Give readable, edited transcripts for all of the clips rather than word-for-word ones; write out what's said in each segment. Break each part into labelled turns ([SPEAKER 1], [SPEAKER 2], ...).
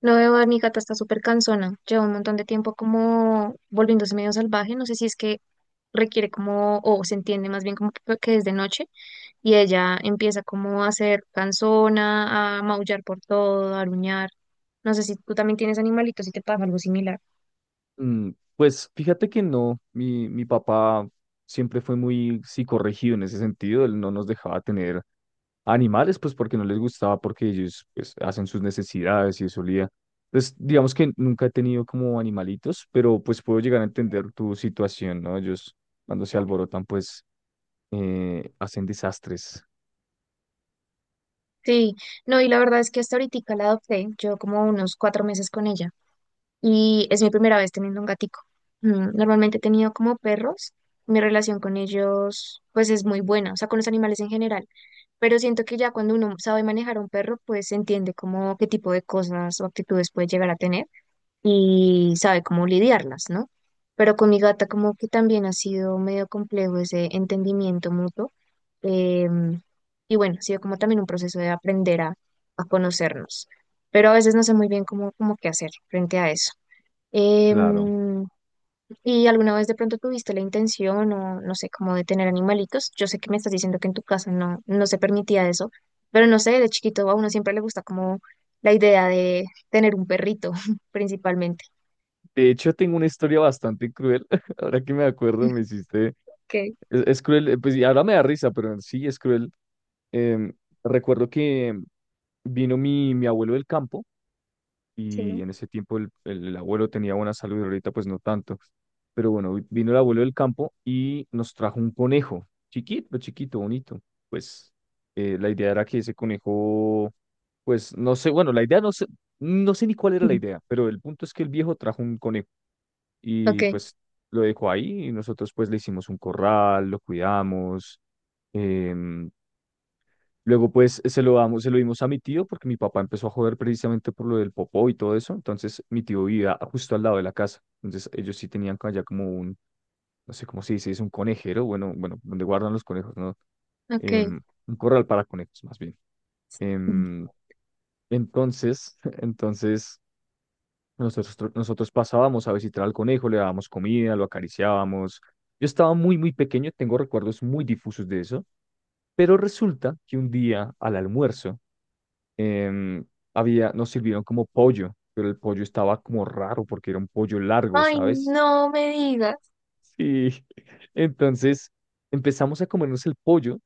[SPEAKER 1] No veo a mi gata está súper cansona. Lleva un montón de tiempo como volviéndose medio salvaje. No sé si es que requiere como, o se entiende más bien como que es de noche. Y ella empieza como a ser cansona, a maullar por todo, a aruñar. No sé si tú también tienes animalitos y te pasa algo similar.
[SPEAKER 2] Mm. Pues fíjate que no, mi papá siempre fue muy psicorregido en ese sentido, él no nos dejaba tener animales, pues porque no les gustaba, porque ellos pues hacen sus necesidades y eso olía. Entonces, digamos que nunca he tenido como animalitos, pero pues puedo llegar a entender tu situación, ¿no? Ellos cuando se alborotan pues hacen desastres,
[SPEAKER 1] Sí, no, y la verdad es que hasta ahorita la adopté. Llevo como unos 4 meses con ella. Y es mi primera vez teniendo un gatico. Mm, normalmente he tenido como perros, mi relación con ellos pues es muy buena, o sea, con los animales en general, pero siento que ya cuando uno sabe manejar a un perro pues entiende como qué tipo de cosas o actitudes puede llegar a tener y sabe cómo lidiarlas, ¿no? Pero con mi gata como que también ha sido medio complejo ese entendimiento mutuo. em, y bueno, ha sido como también un proceso de aprender a conocernos, pero a veces no sé muy bien cómo, cómo qué hacer frente a eso.
[SPEAKER 2] claro.
[SPEAKER 1] Em, ¿Y alguna vez de pronto tuviste la intención o no sé, como de tener animalitos? Yo sé que me estás diciendo que en tu casa no, no se permitía eso, pero no sé, de chiquito a uno siempre le gusta como la idea de tener un perrito, principalmente.
[SPEAKER 2] De hecho, tengo una historia bastante cruel, ahora que me acuerdo, me hiciste.
[SPEAKER 1] Ok,
[SPEAKER 2] Es cruel, pues y ahora me da risa, pero sí es cruel. Em, Recuerdo que vino mi abuelo del campo,
[SPEAKER 1] sí,
[SPEAKER 2] y
[SPEAKER 1] ¿no?
[SPEAKER 2] en ese tiempo el abuelo tenía buena salud y ahorita pues no tanto. Pero bueno, vino el abuelo del campo y nos trajo un conejo, chiquito, chiquito, bonito. Pues la idea era que ese conejo, pues no sé, bueno, la idea no sé, no sé ni cuál era la
[SPEAKER 1] Ujú.
[SPEAKER 2] idea, pero el punto es que el viejo trajo un conejo y
[SPEAKER 1] Ok,
[SPEAKER 2] pues lo dejó ahí y nosotros pues le hicimos un corral, lo cuidamos. em, Luego, pues, se lo dimos a mi tío porque mi papá empezó a joder precisamente por lo del popó y todo eso. Entonces, mi tío vivía justo al lado de la casa. Entonces, ellos sí tenían allá como un, no sé cómo se dice, es un conejero, bueno, donde guardan los conejos, ¿no?
[SPEAKER 1] ok.
[SPEAKER 2] Em, un corral para conejos, más bien.
[SPEAKER 1] Mm.
[SPEAKER 2] Em, entonces, nosotros pasábamos a visitar al conejo, le dábamos comida, lo acariciábamos. Yo estaba muy, muy pequeño, tengo recuerdos muy difusos de eso, pero resulta que un día al almuerzo, em, nos sirvieron como pollo, pero el pollo estaba como raro porque era un pollo largo,
[SPEAKER 1] Ay,
[SPEAKER 2] ¿sabes?
[SPEAKER 1] no me digas.
[SPEAKER 2] Sí. Entonces empezamos a comernos el pollo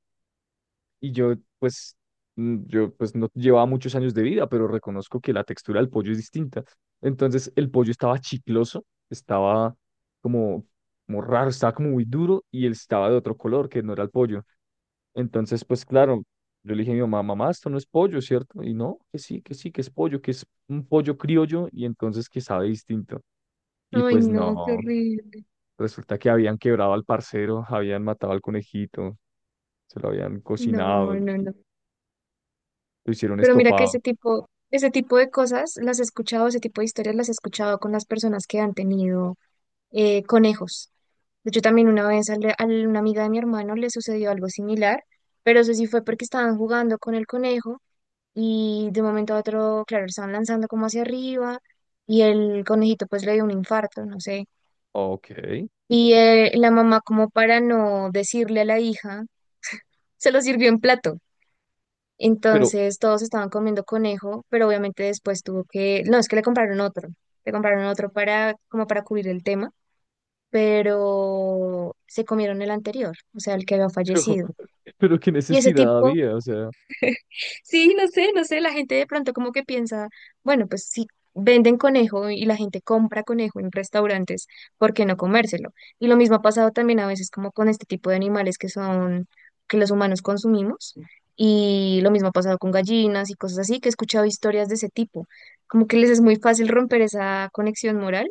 [SPEAKER 2] y yo pues, yo pues no llevaba muchos años de vida, pero reconozco que la textura del pollo es distinta. Entonces el pollo estaba chicloso, estaba como, como raro, estaba como muy duro y él estaba de otro color que no era el pollo. Entonces, pues claro, yo le dije a mi mamá, mamá, esto no es pollo, ¿cierto? Y no, que sí, que sí, que es pollo, que es un pollo criollo y entonces que sabe distinto. Y
[SPEAKER 1] Ay,
[SPEAKER 2] pues
[SPEAKER 1] no, qué
[SPEAKER 2] no,
[SPEAKER 1] horrible.
[SPEAKER 2] resulta que habían quebrado al parcero, habían matado al conejito, se lo habían
[SPEAKER 1] No,
[SPEAKER 2] cocinado, lo
[SPEAKER 1] no, no.
[SPEAKER 2] hicieron
[SPEAKER 1] Pero mira que
[SPEAKER 2] estofado.
[SPEAKER 1] ese tipo de cosas las he escuchado, ese tipo de historias las he escuchado con las personas que han tenido conejos. De hecho, también una vez al- a una amiga de mi hermano le sucedió algo similar, pero eso sí fue porque estaban jugando con el conejo y de un momento a otro, claro, lo estaban lanzando como hacia arriba y el conejito pues le dio un infarto, no sé.
[SPEAKER 2] Ok,
[SPEAKER 1] Y la mamá como para no decirle a la hija, se lo sirvió en plato.
[SPEAKER 2] pero,
[SPEAKER 1] Entonces todos estaban comiendo conejo, pero obviamente después tuvo que, no, es que le compraron otro para como para cubrir el tema, pero se comieron el anterior, o sea, el que había
[SPEAKER 2] pero,
[SPEAKER 1] fallecido.
[SPEAKER 2] pero qué
[SPEAKER 1] Y ese
[SPEAKER 2] necesidad
[SPEAKER 1] tipo,
[SPEAKER 2] había, o sea,
[SPEAKER 1] sí, no sé, no sé, la gente de pronto como que piensa, bueno, pues si venden conejo y la gente compra conejo en restaurantes, ¿por qué no comérselo? Y lo mismo ha pasado también a veces como con este tipo de animales que son, que los humanos consumimos, y lo mismo ha pasado con gallinas y cosas así, que he escuchado historias de ese tipo, como que les es muy fácil romper esa conexión moral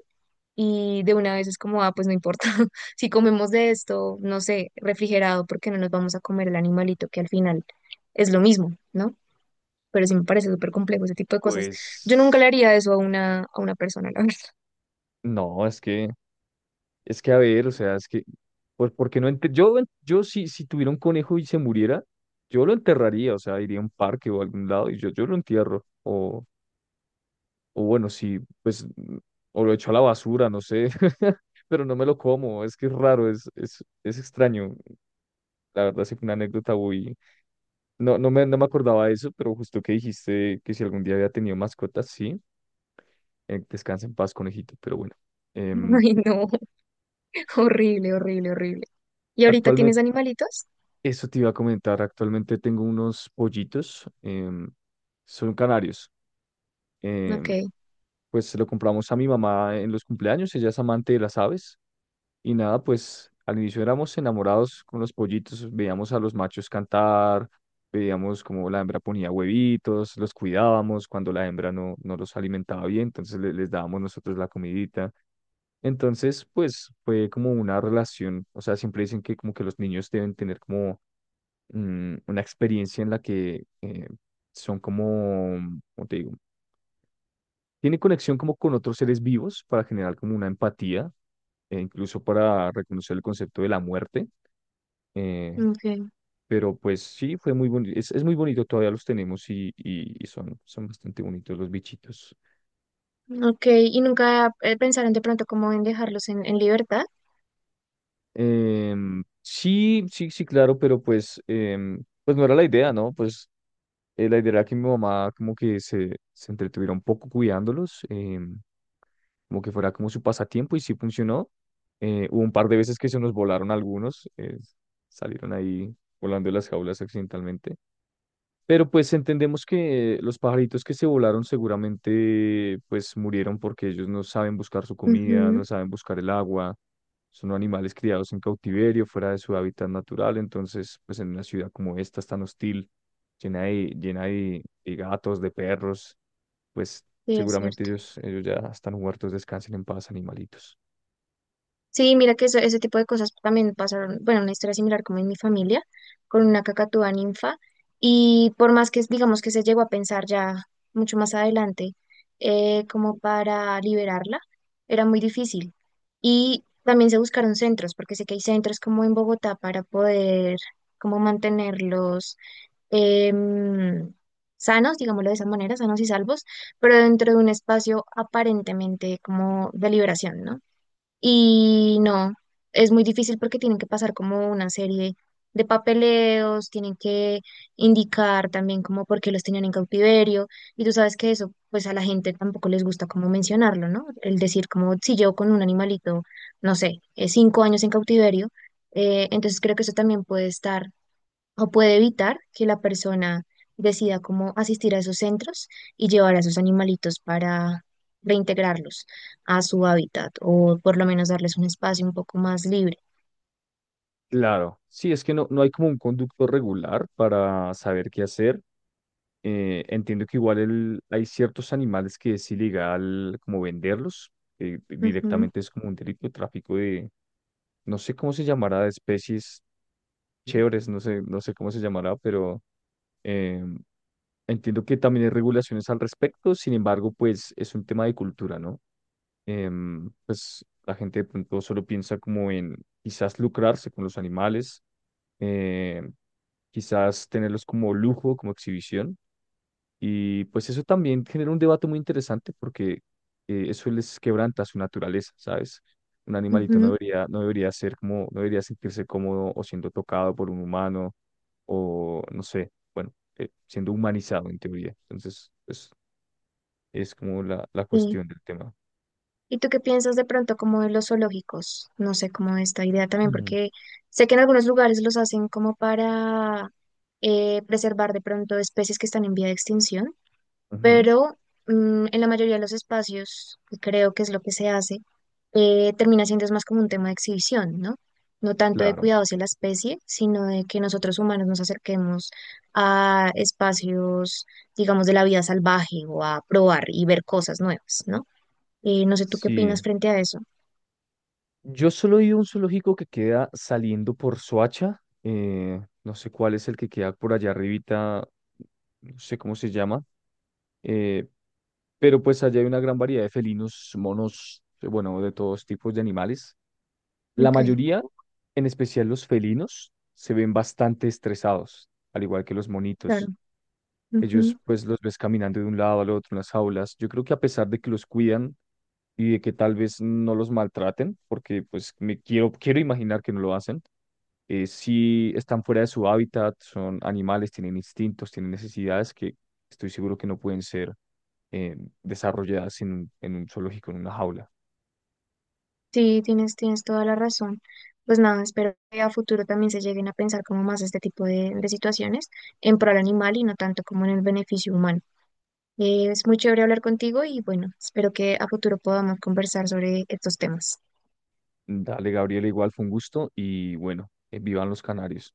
[SPEAKER 1] y de una vez es como, ah, pues no importa, si comemos de esto, no sé, refrigerado, porque no nos vamos a comer el animalito, que al final es lo mismo, ¿no? Pero sí me parece súper complejo ese tipo de cosas. Yo nunca le
[SPEAKER 2] pues
[SPEAKER 1] haría eso a una persona, la verdad.
[SPEAKER 2] no, es que. Es que a ver, o sea, pues, porque no yo, yo si tuviera un conejo y se muriera, yo lo enterraría, o sea, iría a un parque o a algún lado y yo lo entierro. O bueno, si, pues, o lo echo a la basura, no sé, pero no me lo como, es que es raro, es extraño. La verdad, sí fue una anécdota muy. No me acordaba de eso, pero justo que dijiste que si algún día había tenido mascotas, sí, descansa en paz, conejito, pero bueno. Em,
[SPEAKER 1] Ay, no, horrible, horrible, horrible. ¿Y ahorita tienes animalitos?
[SPEAKER 2] Eso te iba a comentar. Actualmente tengo unos pollitos. Son canarios.
[SPEAKER 1] Ok,
[SPEAKER 2] em, pues se lo compramos a mi mamá en los cumpleaños. Ella es amante de las aves. Y nada, pues al inicio éramos enamorados con los pollitos. Veíamos a los machos cantar. Veíamos cómo la hembra ponía huevitos. Los cuidábamos cuando la hembra no los alimentaba bien. Entonces les dábamos nosotros la comidita. Entonces, pues fue como una relación. O sea, siempre dicen que como que los niños deben tener como una experiencia en la que son como, ¿cómo te digo? Tiene conexión como con otros seres vivos para generar como una empatía, e incluso para reconocer el concepto de la muerte. eh,
[SPEAKER 1] ok,
[SPEAKER 2] pero pues sí, fue muy bonito. Es muy bonito, todavía los tenemos y son, son bastante bonitos los bichitos.
[SPEAKER 1] ok. ¿Y nunca pensaron de pronto cómo en dejarlos en libertad?
[SPEAKER 2] Sí, sí, sí, claro, pero pues, pues no era la idea, ¿no? Pues la idea era que mi mamá como que se entretuviera un poco cuidándolos. Como que fuera como su pasatiempo y sí funcionó. Hubo un par de veces que se nos volaron algunos, salieron ahí volando de las jaulas accidentalmente. Pero pues entendemos que los pajaritos que se volaron seguramente pues murieron porque ellos no saben buscar su comida, no
[SPEAKER 1] Ujú,
[SPEAKER 2] saben buscar el agua, son animales criados en cautiverio, fuera de su hábitat natural, entonces pues en una ciudad como esta tan hostil, llena de gatos, de perros, pues
[SPEAKER 1] sí, es
[SPEAKER 2] seguramente
[SPEAKER 1] cierto.
[SPEAKER 2] ellos ya están muertos, descansen en paz, animalitos.
[SPEAKER 1] Sí, mira que eso- ese tipo de cosas también pasaron, bueno, una historia similar como en mi familia, con una cacatúa ninfa, y por más que, digamos que se llegó a pensar ya mucho más adelante, como para liberarla, era muy difícil. Y también se buscaron centros, porque sé que hay centros como en Bogotá para poder como mantenerlos em, sanos, digámoslo de esa manera, sanos y salvos, pero dentro de un espacio aparentemente como de liberación, ¿no? Y no, es muy difícil porque tienen que pasar como una serie de papeleos, tienen que indicar también como por qué los tenían en cautiverio. Y tú sabes que eso, pues a la gente tampoco les gusta como mencionarlo, ¿no? El decir como si llevo con un animalito, no sé, 5 años en cautiverio. Entonces creo que eso también puede estar o puede evitar que la persona decida cómo asistir a esos centros y llevar a esos animalitos para reintegrarlos a su hábitat o por lo menos darles un espacio un poco más libre.
[SPEAKER 2] Claro, sí, es que no, no hay como un conducto regular para saber qué hacer. Entiendo que igual hay ciertos animales que es ilegal como venderlos,
[SPEAKER 1] Ujú,
[SPEAKER 2] directamente es como un delito de tráfico de, no sé cómo se llamará, de especies chéveres, no sé, no sé cómo se llamará, pero eh, entiendo que también hay regulaciones al respecto, sin embargo, pues es un tema de cultura, ¿no? Pues la gente de pronto solo piensa como en quizás lucrarse con los animales, eh, quizás tenerlos como lujo, como exhibición. Y pues eso también genera un debate muy interesante porque eso les quebranta su naturaleza, ¿sabes? Un animalito no
[SPEAKER 1] ujú,
[SPEAKER 2] debería, no debería ser como, no debería sentirse cómodo o siendo tocado por un humano o no sé, bueno, siendo humanizado en teoría. Entonces, pues es como la
[SPEAKER 1] sí.
[SPEAKER 2] cuestión del tema.
[SPEAKER 1] ¿Y tú qué piensas de pronto como de los zoológicos? No sé, como de esta idea también,
[SPEAKER 2] Mm.
[SPEAKER 1] porque sé que en algunos lugares los hacen como para preservar de pronto especies que están en vía de extinción,
[SPEAKER 2] Ujú.
[SPEAKER 1] pero mm, en la mayoría de los espacios, y creo que es lo que se hace, termina siendo es más como un tema de exhibición, ¿no? No tanto de
[SPEAKER 2] Claro.
[SPEAKER 1] cuidado hacia la especie, sino de que nosotros humanos nos acerquemos a espacios, digamos, de la vida salvaje o a probar y ver cosas nuevas, ¿no? No sé tú qué
[SPEAKER 2] Sí,
[SPEAKER 1] opinas frente a eso.
[SPEAKER 2] yo solo he ido a un zoológico que queda saliendo por Soacha, no sé cuál es el que queda por allá arribita, no sé cómo se llama, eh, pero pues allá hay una gran variedad de felinos, monos, bueno, de todos tipos de animales. La
[SPEAKER 1] Ok,
[SPEAKER 2] mayoría, en especial los felinos, se ven bastante estresados, al igual que los monitos.
[SPEAKER 1] claro.
[SPEAKER 2] Ellos pues los ves caminando de un lado al otro en las jaulas. Yo creo que a pesar de que los cuidan, y de que tal vez no los maltraten, porque pues me quiero imaginar que no lo hacen. Si están fuera de su hábitat, son animales, tienen instintos, tienen necesidades que estoy seguro que no pueden ser eh, desarrolladas en, en un zoológico, en una jaula.
[SPEAKER 1] Sí, tienes, tienes toda la razón. Pues nada, espero que a futuro también se lleguen a pensar como más este tipo de situaciones en pro al animal y no tanto como en el beneficio humano. Es muy chévere hablar contigo y bueno, espero que a futuro podamos conversar sobre estos temas.
[SPEAKER 2] Dale, Gabriela, igual fue un gusto y bueno, vivan los canarios.